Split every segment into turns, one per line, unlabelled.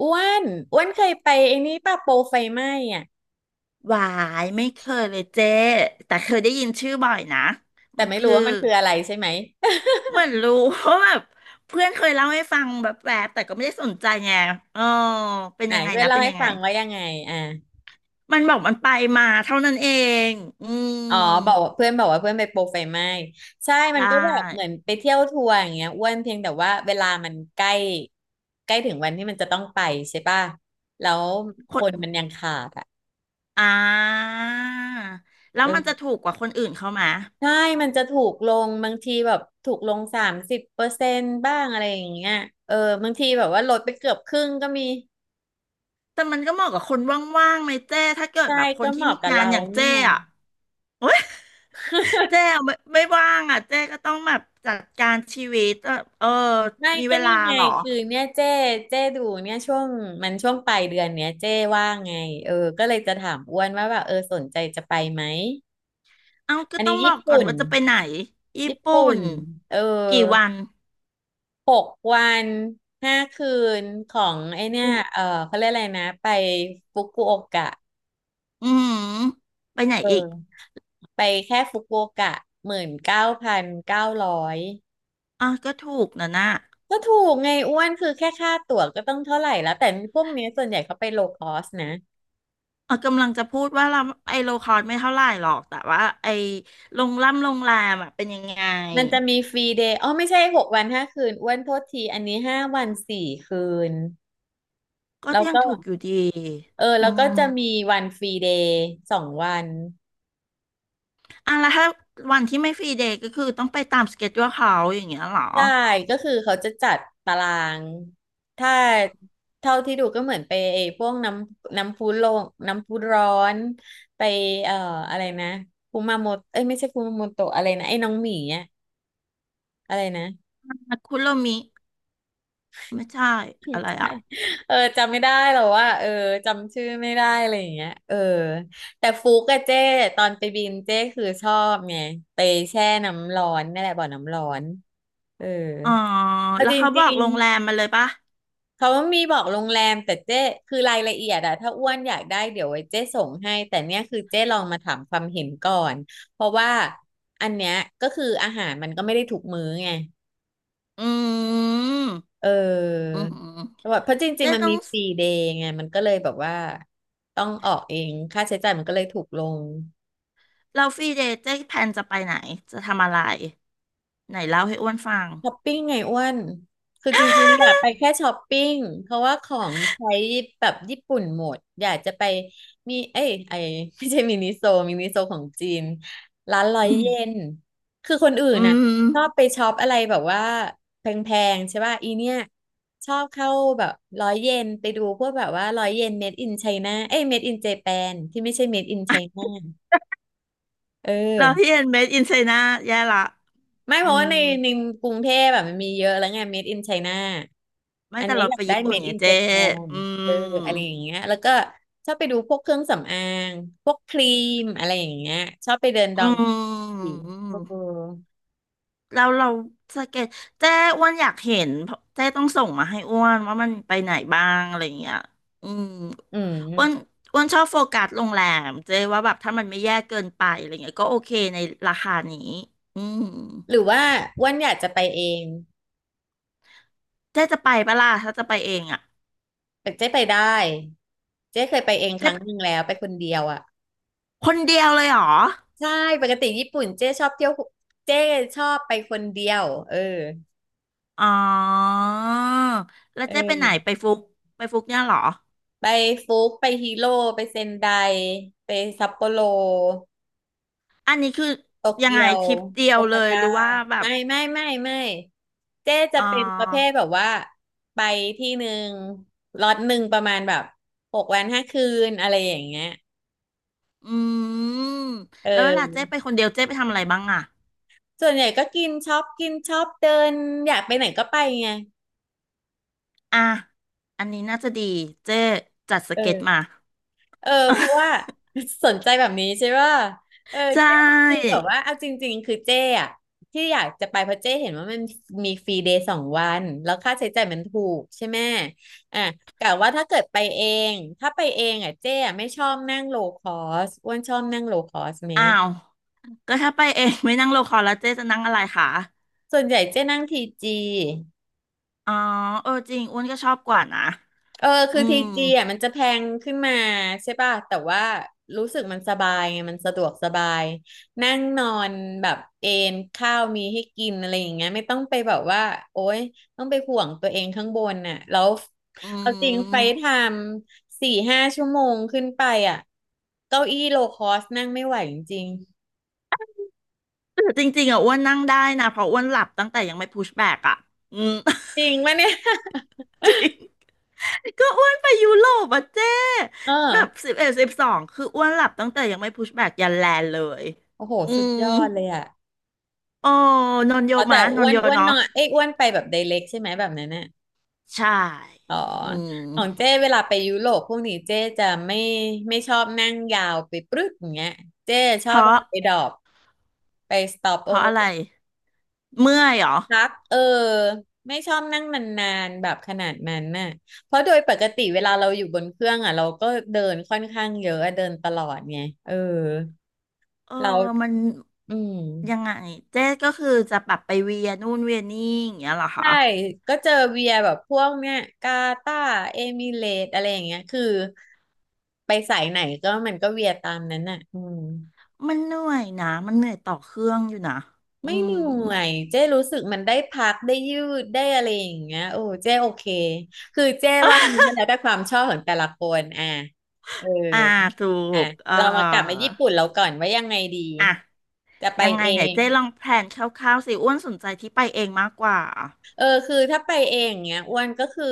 อ้วนอ้วนเคยไปไอ้นี่ป่ะโปรไฟไหม้อ่ะ
หวายไม่เคยเลยเจ๊แต่เคยได้ยินชื่อบ่อยนะ
แต่
มัน
ไม่รู้
คือ
ว่ามันคืออะไรใช่ไหม
เหมือนรู้เพราะแบบเพื่อนเคยเล่าให้ฟังแบบแต่ก็ไม่ได้สนใจไงเออเป็น
ไหน
ยังไง
เพื่อน
นะ
เล่า
เป็น
ให้
ยังไง
ฟังว่ายังไงอ่ะ
มันบอกมันไปมาเท่านั้นเองอื
อ๋อ
ม
บอกว่าเพื่อนบอกว่าเพื่อนไปโปรไฟไหม้ใช่มั
ใช่
นก็แบบเหมือนไปเที่ยวทัวร์อย่างเงี้ยอ้วนเพียงแต่ว่าเวลามันใกล้ใกล้ถึงวันที่มันจะต้องไปใช่ป่ะแล้วค
คน
นมันยังขาดอ่ะ
อ่าแล้ว
เอ
มันจะ
อ
ถูกกว่าคนอื่นเขาไหม
ใช่มันจะถูกลงบางทีแบบถูกลง30%บ้างอะไรอย่างเงี้ยเออบางทีแบบว่าลดไปเกือบครึ่งก็มี
แต่มันก็เหมาะกับคนว่างๆไหมเจ้ถ้าเกิด
ใช่
แบบค
ก็
น
เห
ที่
มาะ
มี
กับ
งาน
เรา
อย่าง
เนี่
เจ้
ย
อะ เจ๊ไม่ว่างอ่ะเจ๊ก็ต้องแบบจัดการชีวิตเออเออ
ไม่
มี
ก็
เวลา
นี่ไง
เหรอ
คือเนี่ยเจ้ดูเนี่ยช่วงมันช่วงปลายเดือนเนี้ยเจ้ว่างไงเออก็เลยจะถามอ้วนว่าแบบเออสนใจจะไปไหม
เอ้าก็
อัน
ต้อ
นี้
งบอ
ญี่
กก่อน
ปุ่น
ว่าจะไปไหนญี่
ญี่
ปุ่
ปุ่
น
นเออ
กี่วัน
หกวันห้าคืนของไอเนี่ย
อุ
เออเขาเรียกอะไรนะไปฟุกุโอกะ
อืมไปไหน
เ
อีก
ออไปแค่ฟุกุโอกะ19,900
อ๋อก็ถูกนะน่ะ
ก็ถูกไงอ้วนคือแค่ค่าตั๋วก็ต้องเท่าไหร่แล้วแต่พวกเนี้ยส่วนใหญ่เขาไปโลคอสนะ
เออกำลังจะพูดว่าเราไอโลคอร์สไม่เท่าไหร่หรอกแต่ว่าไอโรงล่ำโรงแรมอ่ะเป็นยังไง
มันจะมีฟรีเดย์อ๋อไม่ใช่หกวันห้าคืนอ้วนโทษทีอันนี้5 วัน 4 คืน
ก็
แล้ว
ยัง
ก็
ถูกอยู่ดี
เออ
อื
แล้วก็
ม
จะมีวันฟรีเดย์สองวัน
อ่ะแล้วถ้าวันที่ไม่ฟรีเดย์ก็คือต้องไปตามสเกจ u ู e เขาอย่างเงี้ยเหรอ
ใช่ก็คือเขาจะจัดตาราง ถ้าเท่าที่ดูก็เหมือนไปไอ้พวกน้ำพุลงน้ำพุร้อนไปเอ่ออะไรนะคุมาโมโตเอ้ยไม่ใช่คุมาโมโตะอะไรนะ ไอ้น้องหมีอะอะไรนะ
คุโรมิ ไม่ใช่อะไรอ่ะ
เออจำไม่ได้หรอกว่าเออจำชื่อไม่ได้อะไรอย่างเงี้ยเออแต่ฟุกกับเจ้ตอนไปบินเจ้คือชอบไงไปแช่น้ำร้อนนั่นแหละบ่อน้ำร้อนเออ
อ๋อ
เอา
แล้ว
จ
เขาบ
ริ
อก
ง
โรงแรมมาเลยปะ
ๆเขามีบอกโรงแรมแต่เจ้คือรายละเอียดอะถ้าอ้วนอยากได้เดี๋ยวไว้เจ้ส่งให้แต่เนี่ยคือเจ้ลองมาถามความเห็นก่อนเพราะว่าอันเนี้ยก็คืออาหารมันก็ไม่ได้ถูกมื้อไง
อืม
เอ
อื
อ
มอืม
แเพราะจริง
เจ๊
ๆมัน
ต้อ
มี
ง
ฟรีเดย์ไง มันก็เลยแบบว่าต้องออกเอง ค่าใช้จ่ายมันก็เลยถูกลง
เราฟรีเดย์เจ๊แพลนจะไปไหนจะทำอะไรไหนเล่าให้อ้วนฟัง
ช้อปปิ้งไงอ้วน คือจริงๆอยาก ไปแค่ช้อปปิ้ง เพราะว่าของใช้แบบญี่ปุ่นหมดอยากจะไปมีเอ้ยไอ ไม่ใช่มินิโซมินิโซของจีนร้านร้อย
อืม
เยนคือคนอื่น
อื
น่ะ
ม
ชอบไปช็อปอะไรแบบว่าแพงๆใช่ป่ะอีเนี่ยชอบเข้าแบบร้อยเยนไปดูพวกแบบว่าร้อยเยนเมดอินไชน่าเอ้ยเมดอินเจแปนที่ไม่ใช่เมดอินไชน่ a เอ
เราที่
อ
เอ็นเมดอินไชน่าแย่ละ
ไม่เพ
อื
ราะว่า
ม
ในกรุงเทพแบบมันมีเยอะแล้วไง Made in China
ไม่
อัน
แต่
นี้
เรา
อยา
ไป
กได้
ญี่ปุ่น
Made
เนี่ย
in
เจ๊
Japan
อื
เอออะไร
ม
อย่างเงี้ยแล้วก็ชอบไปดูพวกเครื่องสำอางพวกครีมอะไรอย่างเงี้ยชอบไปเดินด
อ
อง
ื
กีเออ
ม แล้วเราสเก็ตเจ้อ้วนอยากเห็นเพราะเจ้ต้องส่งมาให้อ้วนว่ามันไปไหนบ้างอะไรอย่างเงี้ยอืม
อื
อ้วน
ม
อ้วนชอบโฟกัสโรงแรมเจ้ว่าแบบถ้ามันไม่แย่เกินไปอะไรเงี้ยก็โอเคในราคานี้อืม
หรือว่าอ้วันอยากจะไปเอง
เจ้จะไปปะล่ะถ้าจะไปเองอ่ะ
แต่เจ๊ไปได้เจ๊เคยไปเองค
เจ้
รั้ง
ไป
หนึ่งแล้วไปคนเดียวอ่ะ
คนเดียวเลยเหรอ
ใช่ปกติญี่ปุ่นเจ๊ชอบเที่ยวเจ๊ชอบไปคนเดียวเออ
อ๋อแล้ว
เอ
เจ๊ไปไหนไป
อ
ฟุกไปฟุกเนี่ยเหรอ
ไปฟุกไปฮิโร่ไปเซนไดไปซัปโปโร
อันนี้คือ
โต
ยัง
เกี
ไง
ยว
ทริปเดีย
โอ
วเล
ซา
ย
ก้า
หรือว่าแบบ
ไม่ไม่ไม่ไม่เจ๊จะ
อ๋อ
เป็นประเภทแบบว่าไปที่หนึ่งล็อตหนึ่งประมาณแบบหกวันห้าคืนอะไรอย่างเงี้ย
อืม
เ
แล้วเวลาเจ๊
ออ
ไปคนเดียวเจ๊ไปทำอะไรบ้างอ่ะ
ส่วนใหญ่ก็กินช็อปกินช็อปเดินอยากไปไหนก็ไปไง
อ่ะอันนี้น่าจะดีเจ๊จัดส
เอ
เก็ตมา
อ เออเพราะว่า สนใจแบบนี้ใช่ป่ะเออ
ใช
เจ้คือ
่
แบบว่าเอาจริงๆคือเจ้อะที่อยากจะไปเพราะเจ้เห็นว่ามันมีฟรีเดย์สองวันแล้วค่าใช้จ่ายมันถูกใช่ไหมอ่ะกะว่าถ้าเกิดไปเองถ้าไปเองอ่ะเจ้อะไม่ชอบนั่งโลคอสอ้วนชอบนั่งโลคอสไหม
อ้าวก็ถ้าไปเองไม่นั่งโลคอลแล้วเจ๊จะนั่งอะไรคะ
ส่วนใหญ่เจ้นั่งทีจี
อ๋อเออจริงอ้วนก็ชอบกว่านะ
เออ
อื
คือที
ม
จีอ่ะมันจะแพงขึ้นมาใช่ป่ะแต่ว่ารู้สึกมันสบายไงมันสะดวกสบายนั่งนอนแบบเอนข้าวมีให้กินอะไรอย่างเงี้ยไม่ต้องไปแบบว่าโอ๊ยต้องไปห่วงตัวเองข้างบนน่ะแล้ว
อื
เอาจริงไฟท
ม
ม์4-5 ชั่วโมงขึ้นไปอ่ะเก้าอี้โลคอสนั่งไม่ไหวจริง
แต่จริงๆอ่ะอ้วนนั่งได้นะเพราะอ้วนหลับตั้งแต่ยังไม่พุชแบกอ่ะอืม
ๆจริงปะเนี่ย
จริง ก็อ้วนไปยุโรปอ่ะเจ๊
เ
แบบ
ออ
1112คืออ้วนหลับตั้งแต่ยังไม่พุชแบกยันแลนด์เลย
โอ้โห
อื
สุดย
ม
อดเลยอ่ะ
โอ้นอนเย
อ๋อ
อะมะ
แต่
นอ
อ้
น
วน
เยอะ
อ้วน
เนาะ
นอนเอ้ยอ้วนไปแบบไดเรกใช่ไหมแบบนั้นน่ะ
ใช่
อ๋อ
อืม
ของเจ้เวลาไปยุโรปพวกนี้เจ้จะไม่ชอบนั่งยาวไปปรึ๊ดอย่างเงี้ยเจ้ช
เพ
อบ
ราะ
ไปดรอปไปสต็อป
เพ
โอ
ราะ
เวอ
อะ
ร์
ไรเมื่อยเหรอ
พักไม่ชอบนั่งนานๆแบบขนาดนั้นน่ะเพราะโดยปกติเวลาเราอยู่บนเครื่องอ่ะเราก็เดินค่อนข้างเยอะเดินตลอดไงเออ
เออ
เรา
มัน
อืม
ยังไงเจ๊ก็คือจะปรับไปเวียนู่นเวียนี่อย่างเงี้ยเหรอคะ
ใช่ก็เจอเวียแบบพวกเนี้ยกาตาร์เอมิเรตส์อะไรอย่างเงี้ยคือไปสายไหนก็มันก็เวียตามนั้นน่ะอืม
มันเหนื่อยนะมันเหนื่อยต่อเครื่องอยู่นะอื
ไม่เห
ม
นื่อยเจ้รู้สึกมันได้พักได้ยืดได้อะไรอย่างเงี้ยโอ้เจ้โอเคคือเจ้ว่ามั นแล้วแต่ความชอบของแต่ละคนอ่ะเออ
อ่าถู
อ่ะ
กเออ
เรามากลับมาญี่ปุ่นเราก่อนว่ายังไงดี
อ่ะ
จะไป
ยังไง
เอ
ไหน
ง
เจ๊ลองแพลนคร่าวๆสิอ้วนสนใจที่ไปเองมากกว่า
เออคือถ้าไปเองเงี้ยอ้วนก็คือ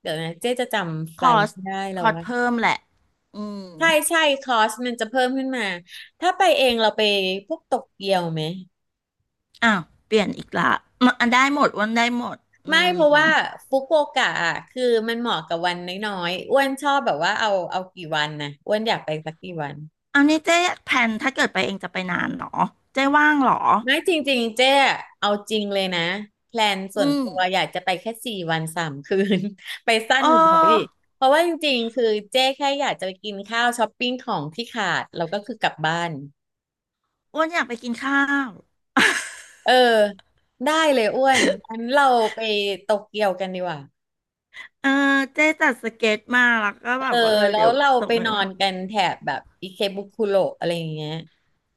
เดี๋ยวนะเจ๊จะจำไฟ
คอ
ล์
ส
ไม่ได้แล้
ค
ว
อส
ว่า
เพิ่มแหละอืม
ใช่ใช่คอสมันจะเพิ่มขึ้นมาถ้าไปเองเราไปพวกโตเกียวไหม
อ้าวเปลี่ยนอีกละมันได้หมดอ้วนได้หมดอื
ไม่เพราะ
ม
ว่าฟุกุโอกะอะคือมันเหมาะกับวันน้อยๆอ้วนชอบแบบว่าเอากี่วันนะอ้วนอยากไปสักกี่วัน
เอานี่เจ๊แพลนถ้าเกิดไปเองจะไปนานเหรอเจ๊ว่างเหรอ
ไม่จริงๆเจ๊อะเอาจริงเลยนะแพลนส่
อื
วน
ม
ตัวอยากจะไปแค่สี่วันสามคืน ไปสั้
เอ
นกว่าเขาอีก
อ
เพราะว่าจริงๆคือเจ๊แค่อยากจะไปกินข้าวช้อปปิ้งของที่ขาดแล้วก็คือกลับบ้าน
อ้วนอยากไปกินข้าว
เออได้เลยอ้วนงั้นเราไปโตเกียวกันดีกว่า
เออเจ๊จัดสเก็ตมาแล้วก็
เอ
แบ
อ
บว่าเออ
แล้
เดี๋
ว
ยว
เรา
ส่
ไป
งให้
นอ
อ้วน
นกันแถบแบบอิเคบุคุโระอะไรอย่างเงี้ย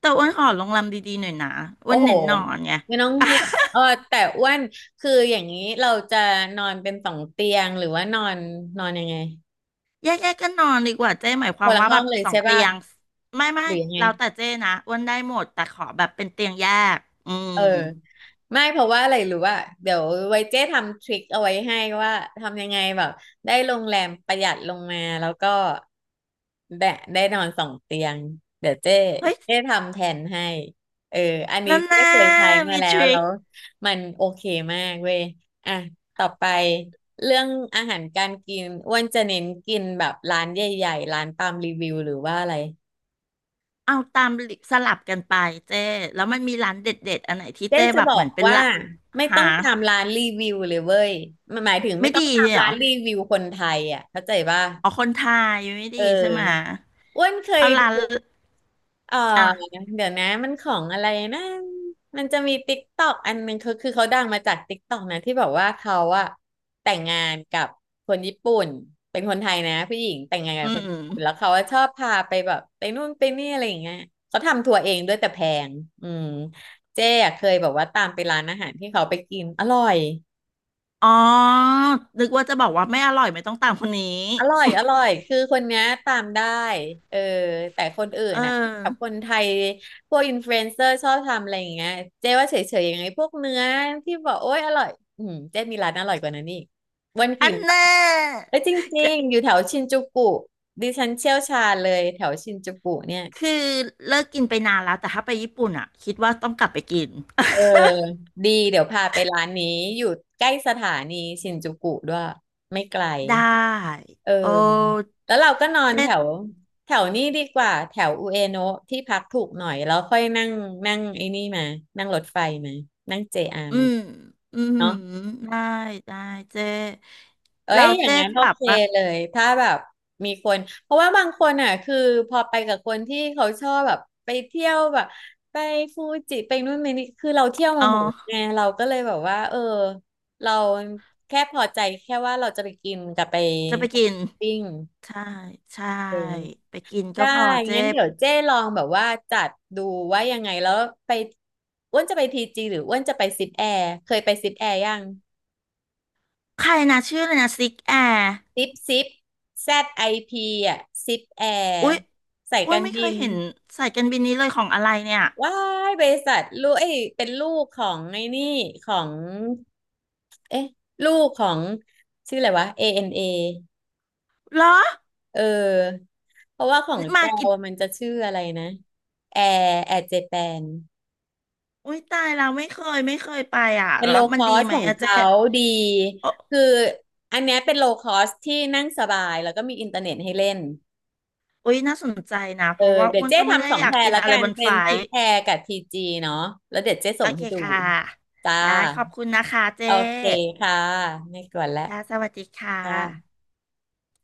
แต่อ้วนขอโรงแรมดีๆหน่อยนะอ้
โอ้
วน
โห
เน้นนอนไง
ไม่ต้องห่วงเออแต่อ้วนคืออย่างนี้เราจะนอนเป็นสองเตียง หรือว่านอนนอนยังไง
แยกๆกกันนอนดีกว่าเจ้หมายค
ค
วาม
นละ
ว่า
ห้
แบ
อง
บ
เลย
สอง
ใช่
เตี
ป่ะ
ยงไม่
หรือยังไง
เราแต่เจ้นะอ้วนได้หมดแต่ขอแบบเป็นเตียงแยกอืม
เออไม่เพราะว่าอะไรรู้ว่าเดี๋ยวไว้เจ๊ทำทริคเอาไว้ให้ว่าทำยังไงแบบได้โรงแรมประหยัดลงมาแล้วก็ได้ได้นอนสองเตียงเดี๋ยวเจ๊
เฮ้ย
เจ๊ทำแทนให้เอออันนี้
นั่น
เจ๊
นะ
เคยใช้มา
มี
แล้
ท
ว
ริ
แล้
ค
วมันโอเคมากเว้ยอ่ะต่อไปเรื่องอาหารการกินอ้วนจะเน้นกินแบบร้านใหญ่ๆร้านตามรีวิวหรือว่าอะไร
เอาตามสลับกันไปเจ้แล้วมันมีร้านเด็ดๆอันไหนที่
เจ๊
เจ้
จะ
แบบ
บอ
เหมื
ก
อนเป็น
ว่า
ละ
ไม่ต้อ
หา
งตามร้านรีวิวเลยเว้ยมันหมายถึงไม่
ไม่
ต้อง
ดี
ตาม
เลยเหร
ร้า
อ
นรีวิวคนไทยอ่ะเข้าใจป่ะ
เอาคนไทยไม่
เอ
ดีใช่ไห
อ
ม
อ้วนเคย
เอาร้าน
ดู เออ
อ่ะ
เดี๋ยวนะมันของอะไรนะมันจะมีติ๊กตอกอันหนึงเขาคือเขาดังมาจากติ๊กตอกนะที่แบบว่าเขาอะแต่งงานกับคนญี่ปุ่นเป็นคนไทยนะผู้หญิงแต่งงานกั
อื
บคนญี่ปุ่นแล้ว
ม
เขาอะชอบพาไปแบบไปนู่นไปนี่อะไรอย่างเงี้ยเขาทำทัวร์เองด้วยแต่แพงอืมเจ๊อะเคยแบบว่าตามไปร้านอาหารที่เขาไปกินอร่อย
อ๋อนึกว่าจะบอกว่าไม่อร่อยไม่ต้องตามคนนี้
อร่อยคือคนเนี้ยตามได้เออแต่คนอื่น
เอ
น่ะกับ
อ
คนไทยพวกอินฟลูเอนเซอร์ชอบทำอะไรอย่างเงี้ยเจ๊ว่าเฉยๆยังไงพวกเนื้อที่บอกโอ๊ยอร่อยอืมเจ๊มีร้านอร่อยกว่านั้นอีกวัน
อั
กิน
นแน่
แล้วจริงๆอยู่แถวชินจูกุดิฉันเชี่ยวชาญเลยแถวชินจูกุเนี่ย
คือเลิกกินไปนานแล้วแต่ถ้าไปญี่ปุ่นอ่ะคิดว่าต้องกลับไปกิน
เออดีเดี๋ยวพาไปร้านนี้อยู่ใกล้สถานีชินจูกุด้วยไม่ไกล
ได้
เออ
โอ้
แล้วเราก็นอนแถว
เจ๊
แถวนี้ดีกว่าแถวอุเอโนะที่พักถูกหน่อยแล้วค่อยนั่งนั่งไอ้นี่มานั่งรถไฟมานั่ง JR
อื
มา
มอืม
เนาะ
ได้ได้เจ๊
เอ้ย
เรา
อย่าง
เจ๊
งั้นโอ
แบบ
เค
ว่า
เลยถ้าแบบมีคนเพราะว่าบางคนอ่ะคือพอไปกับคนที่เขาชอบแบบไปเที่ยวแบบไปฟูจิไปนู่นไปนี่คือเราเที่ยวมา
อ๋
หมดแล้ว
อ
ไงเราก็เลยแบบว่าเออเราแค่พอใจแค่ว่าเราจะไปกินกับไป
จะไปกิน
ปิ้ง
ใช่ใช่
เออ
ไปกินก็
ได้
พอเจ๊
งั้นเดี๋ยวเจ้ลองแบบว่าจัดดูว่ายังไงแล้วไปอ้วนจะไปทีจีหรืออ้วนจะไปซิปแอร์เคยไปซิปแอร์ยัง
ใครนะชื่ออะไรนะซิกแอร์
ซิปแซดไอพีอ่ะซิปแอร์
อุ๊ย
สาย
อุ๊
กา
ย
ร
ไม่เค
บิ
ย
น
เห็นสายการบินนี้เลยของอะไรเนี่ย
ว้ายบริษัทลูกเอ้ยเป็นลูกของไอ้นี่ของเอ๊ะลูกของชื่ออะไรวะ ANA เอนเอ
เหรอ
เออเพราะว่าของแจ
มา
ว
กี่
มันจะชื่ออะไรนะแอร์เจแปน
อุ๊ยตายเราไม่เคยไปอ่ะ
เป็น
แล้
โล
ว
ค
มัน
อ
ดี
ส
ไหม
ของ
อะเจ๊
เขาดี
เอ
คือ
อ
อันเนี้ยเป็นโลคอสที่นั่งสบายแล้วก็มีอินเทอร์เน็ตให้เล่น
อุ๊ยน่าสนใจนะ
เอ
เพ
อ
ราะว่า
เดี๋ย
อ้
ว
วน
เจ๊
ก็ไม่ได้
ทำสอง
อยา
แพ
ก
ร
กิน
ละ
อะไร
กัน
บน
เป็
ไฟ
นทิ
ล์
ปแพรกับทีจีเนาะแล้วเดี๋ยวเจ๊
โอ
ส่ง
เค
ให้ดู
ค่ะ
จ้า
ได้ขอบคุณนะคะเจ๊
โอเคค่ะไม่กวนแล้ว
ค่ะสวัสดีค่ะ
จ้า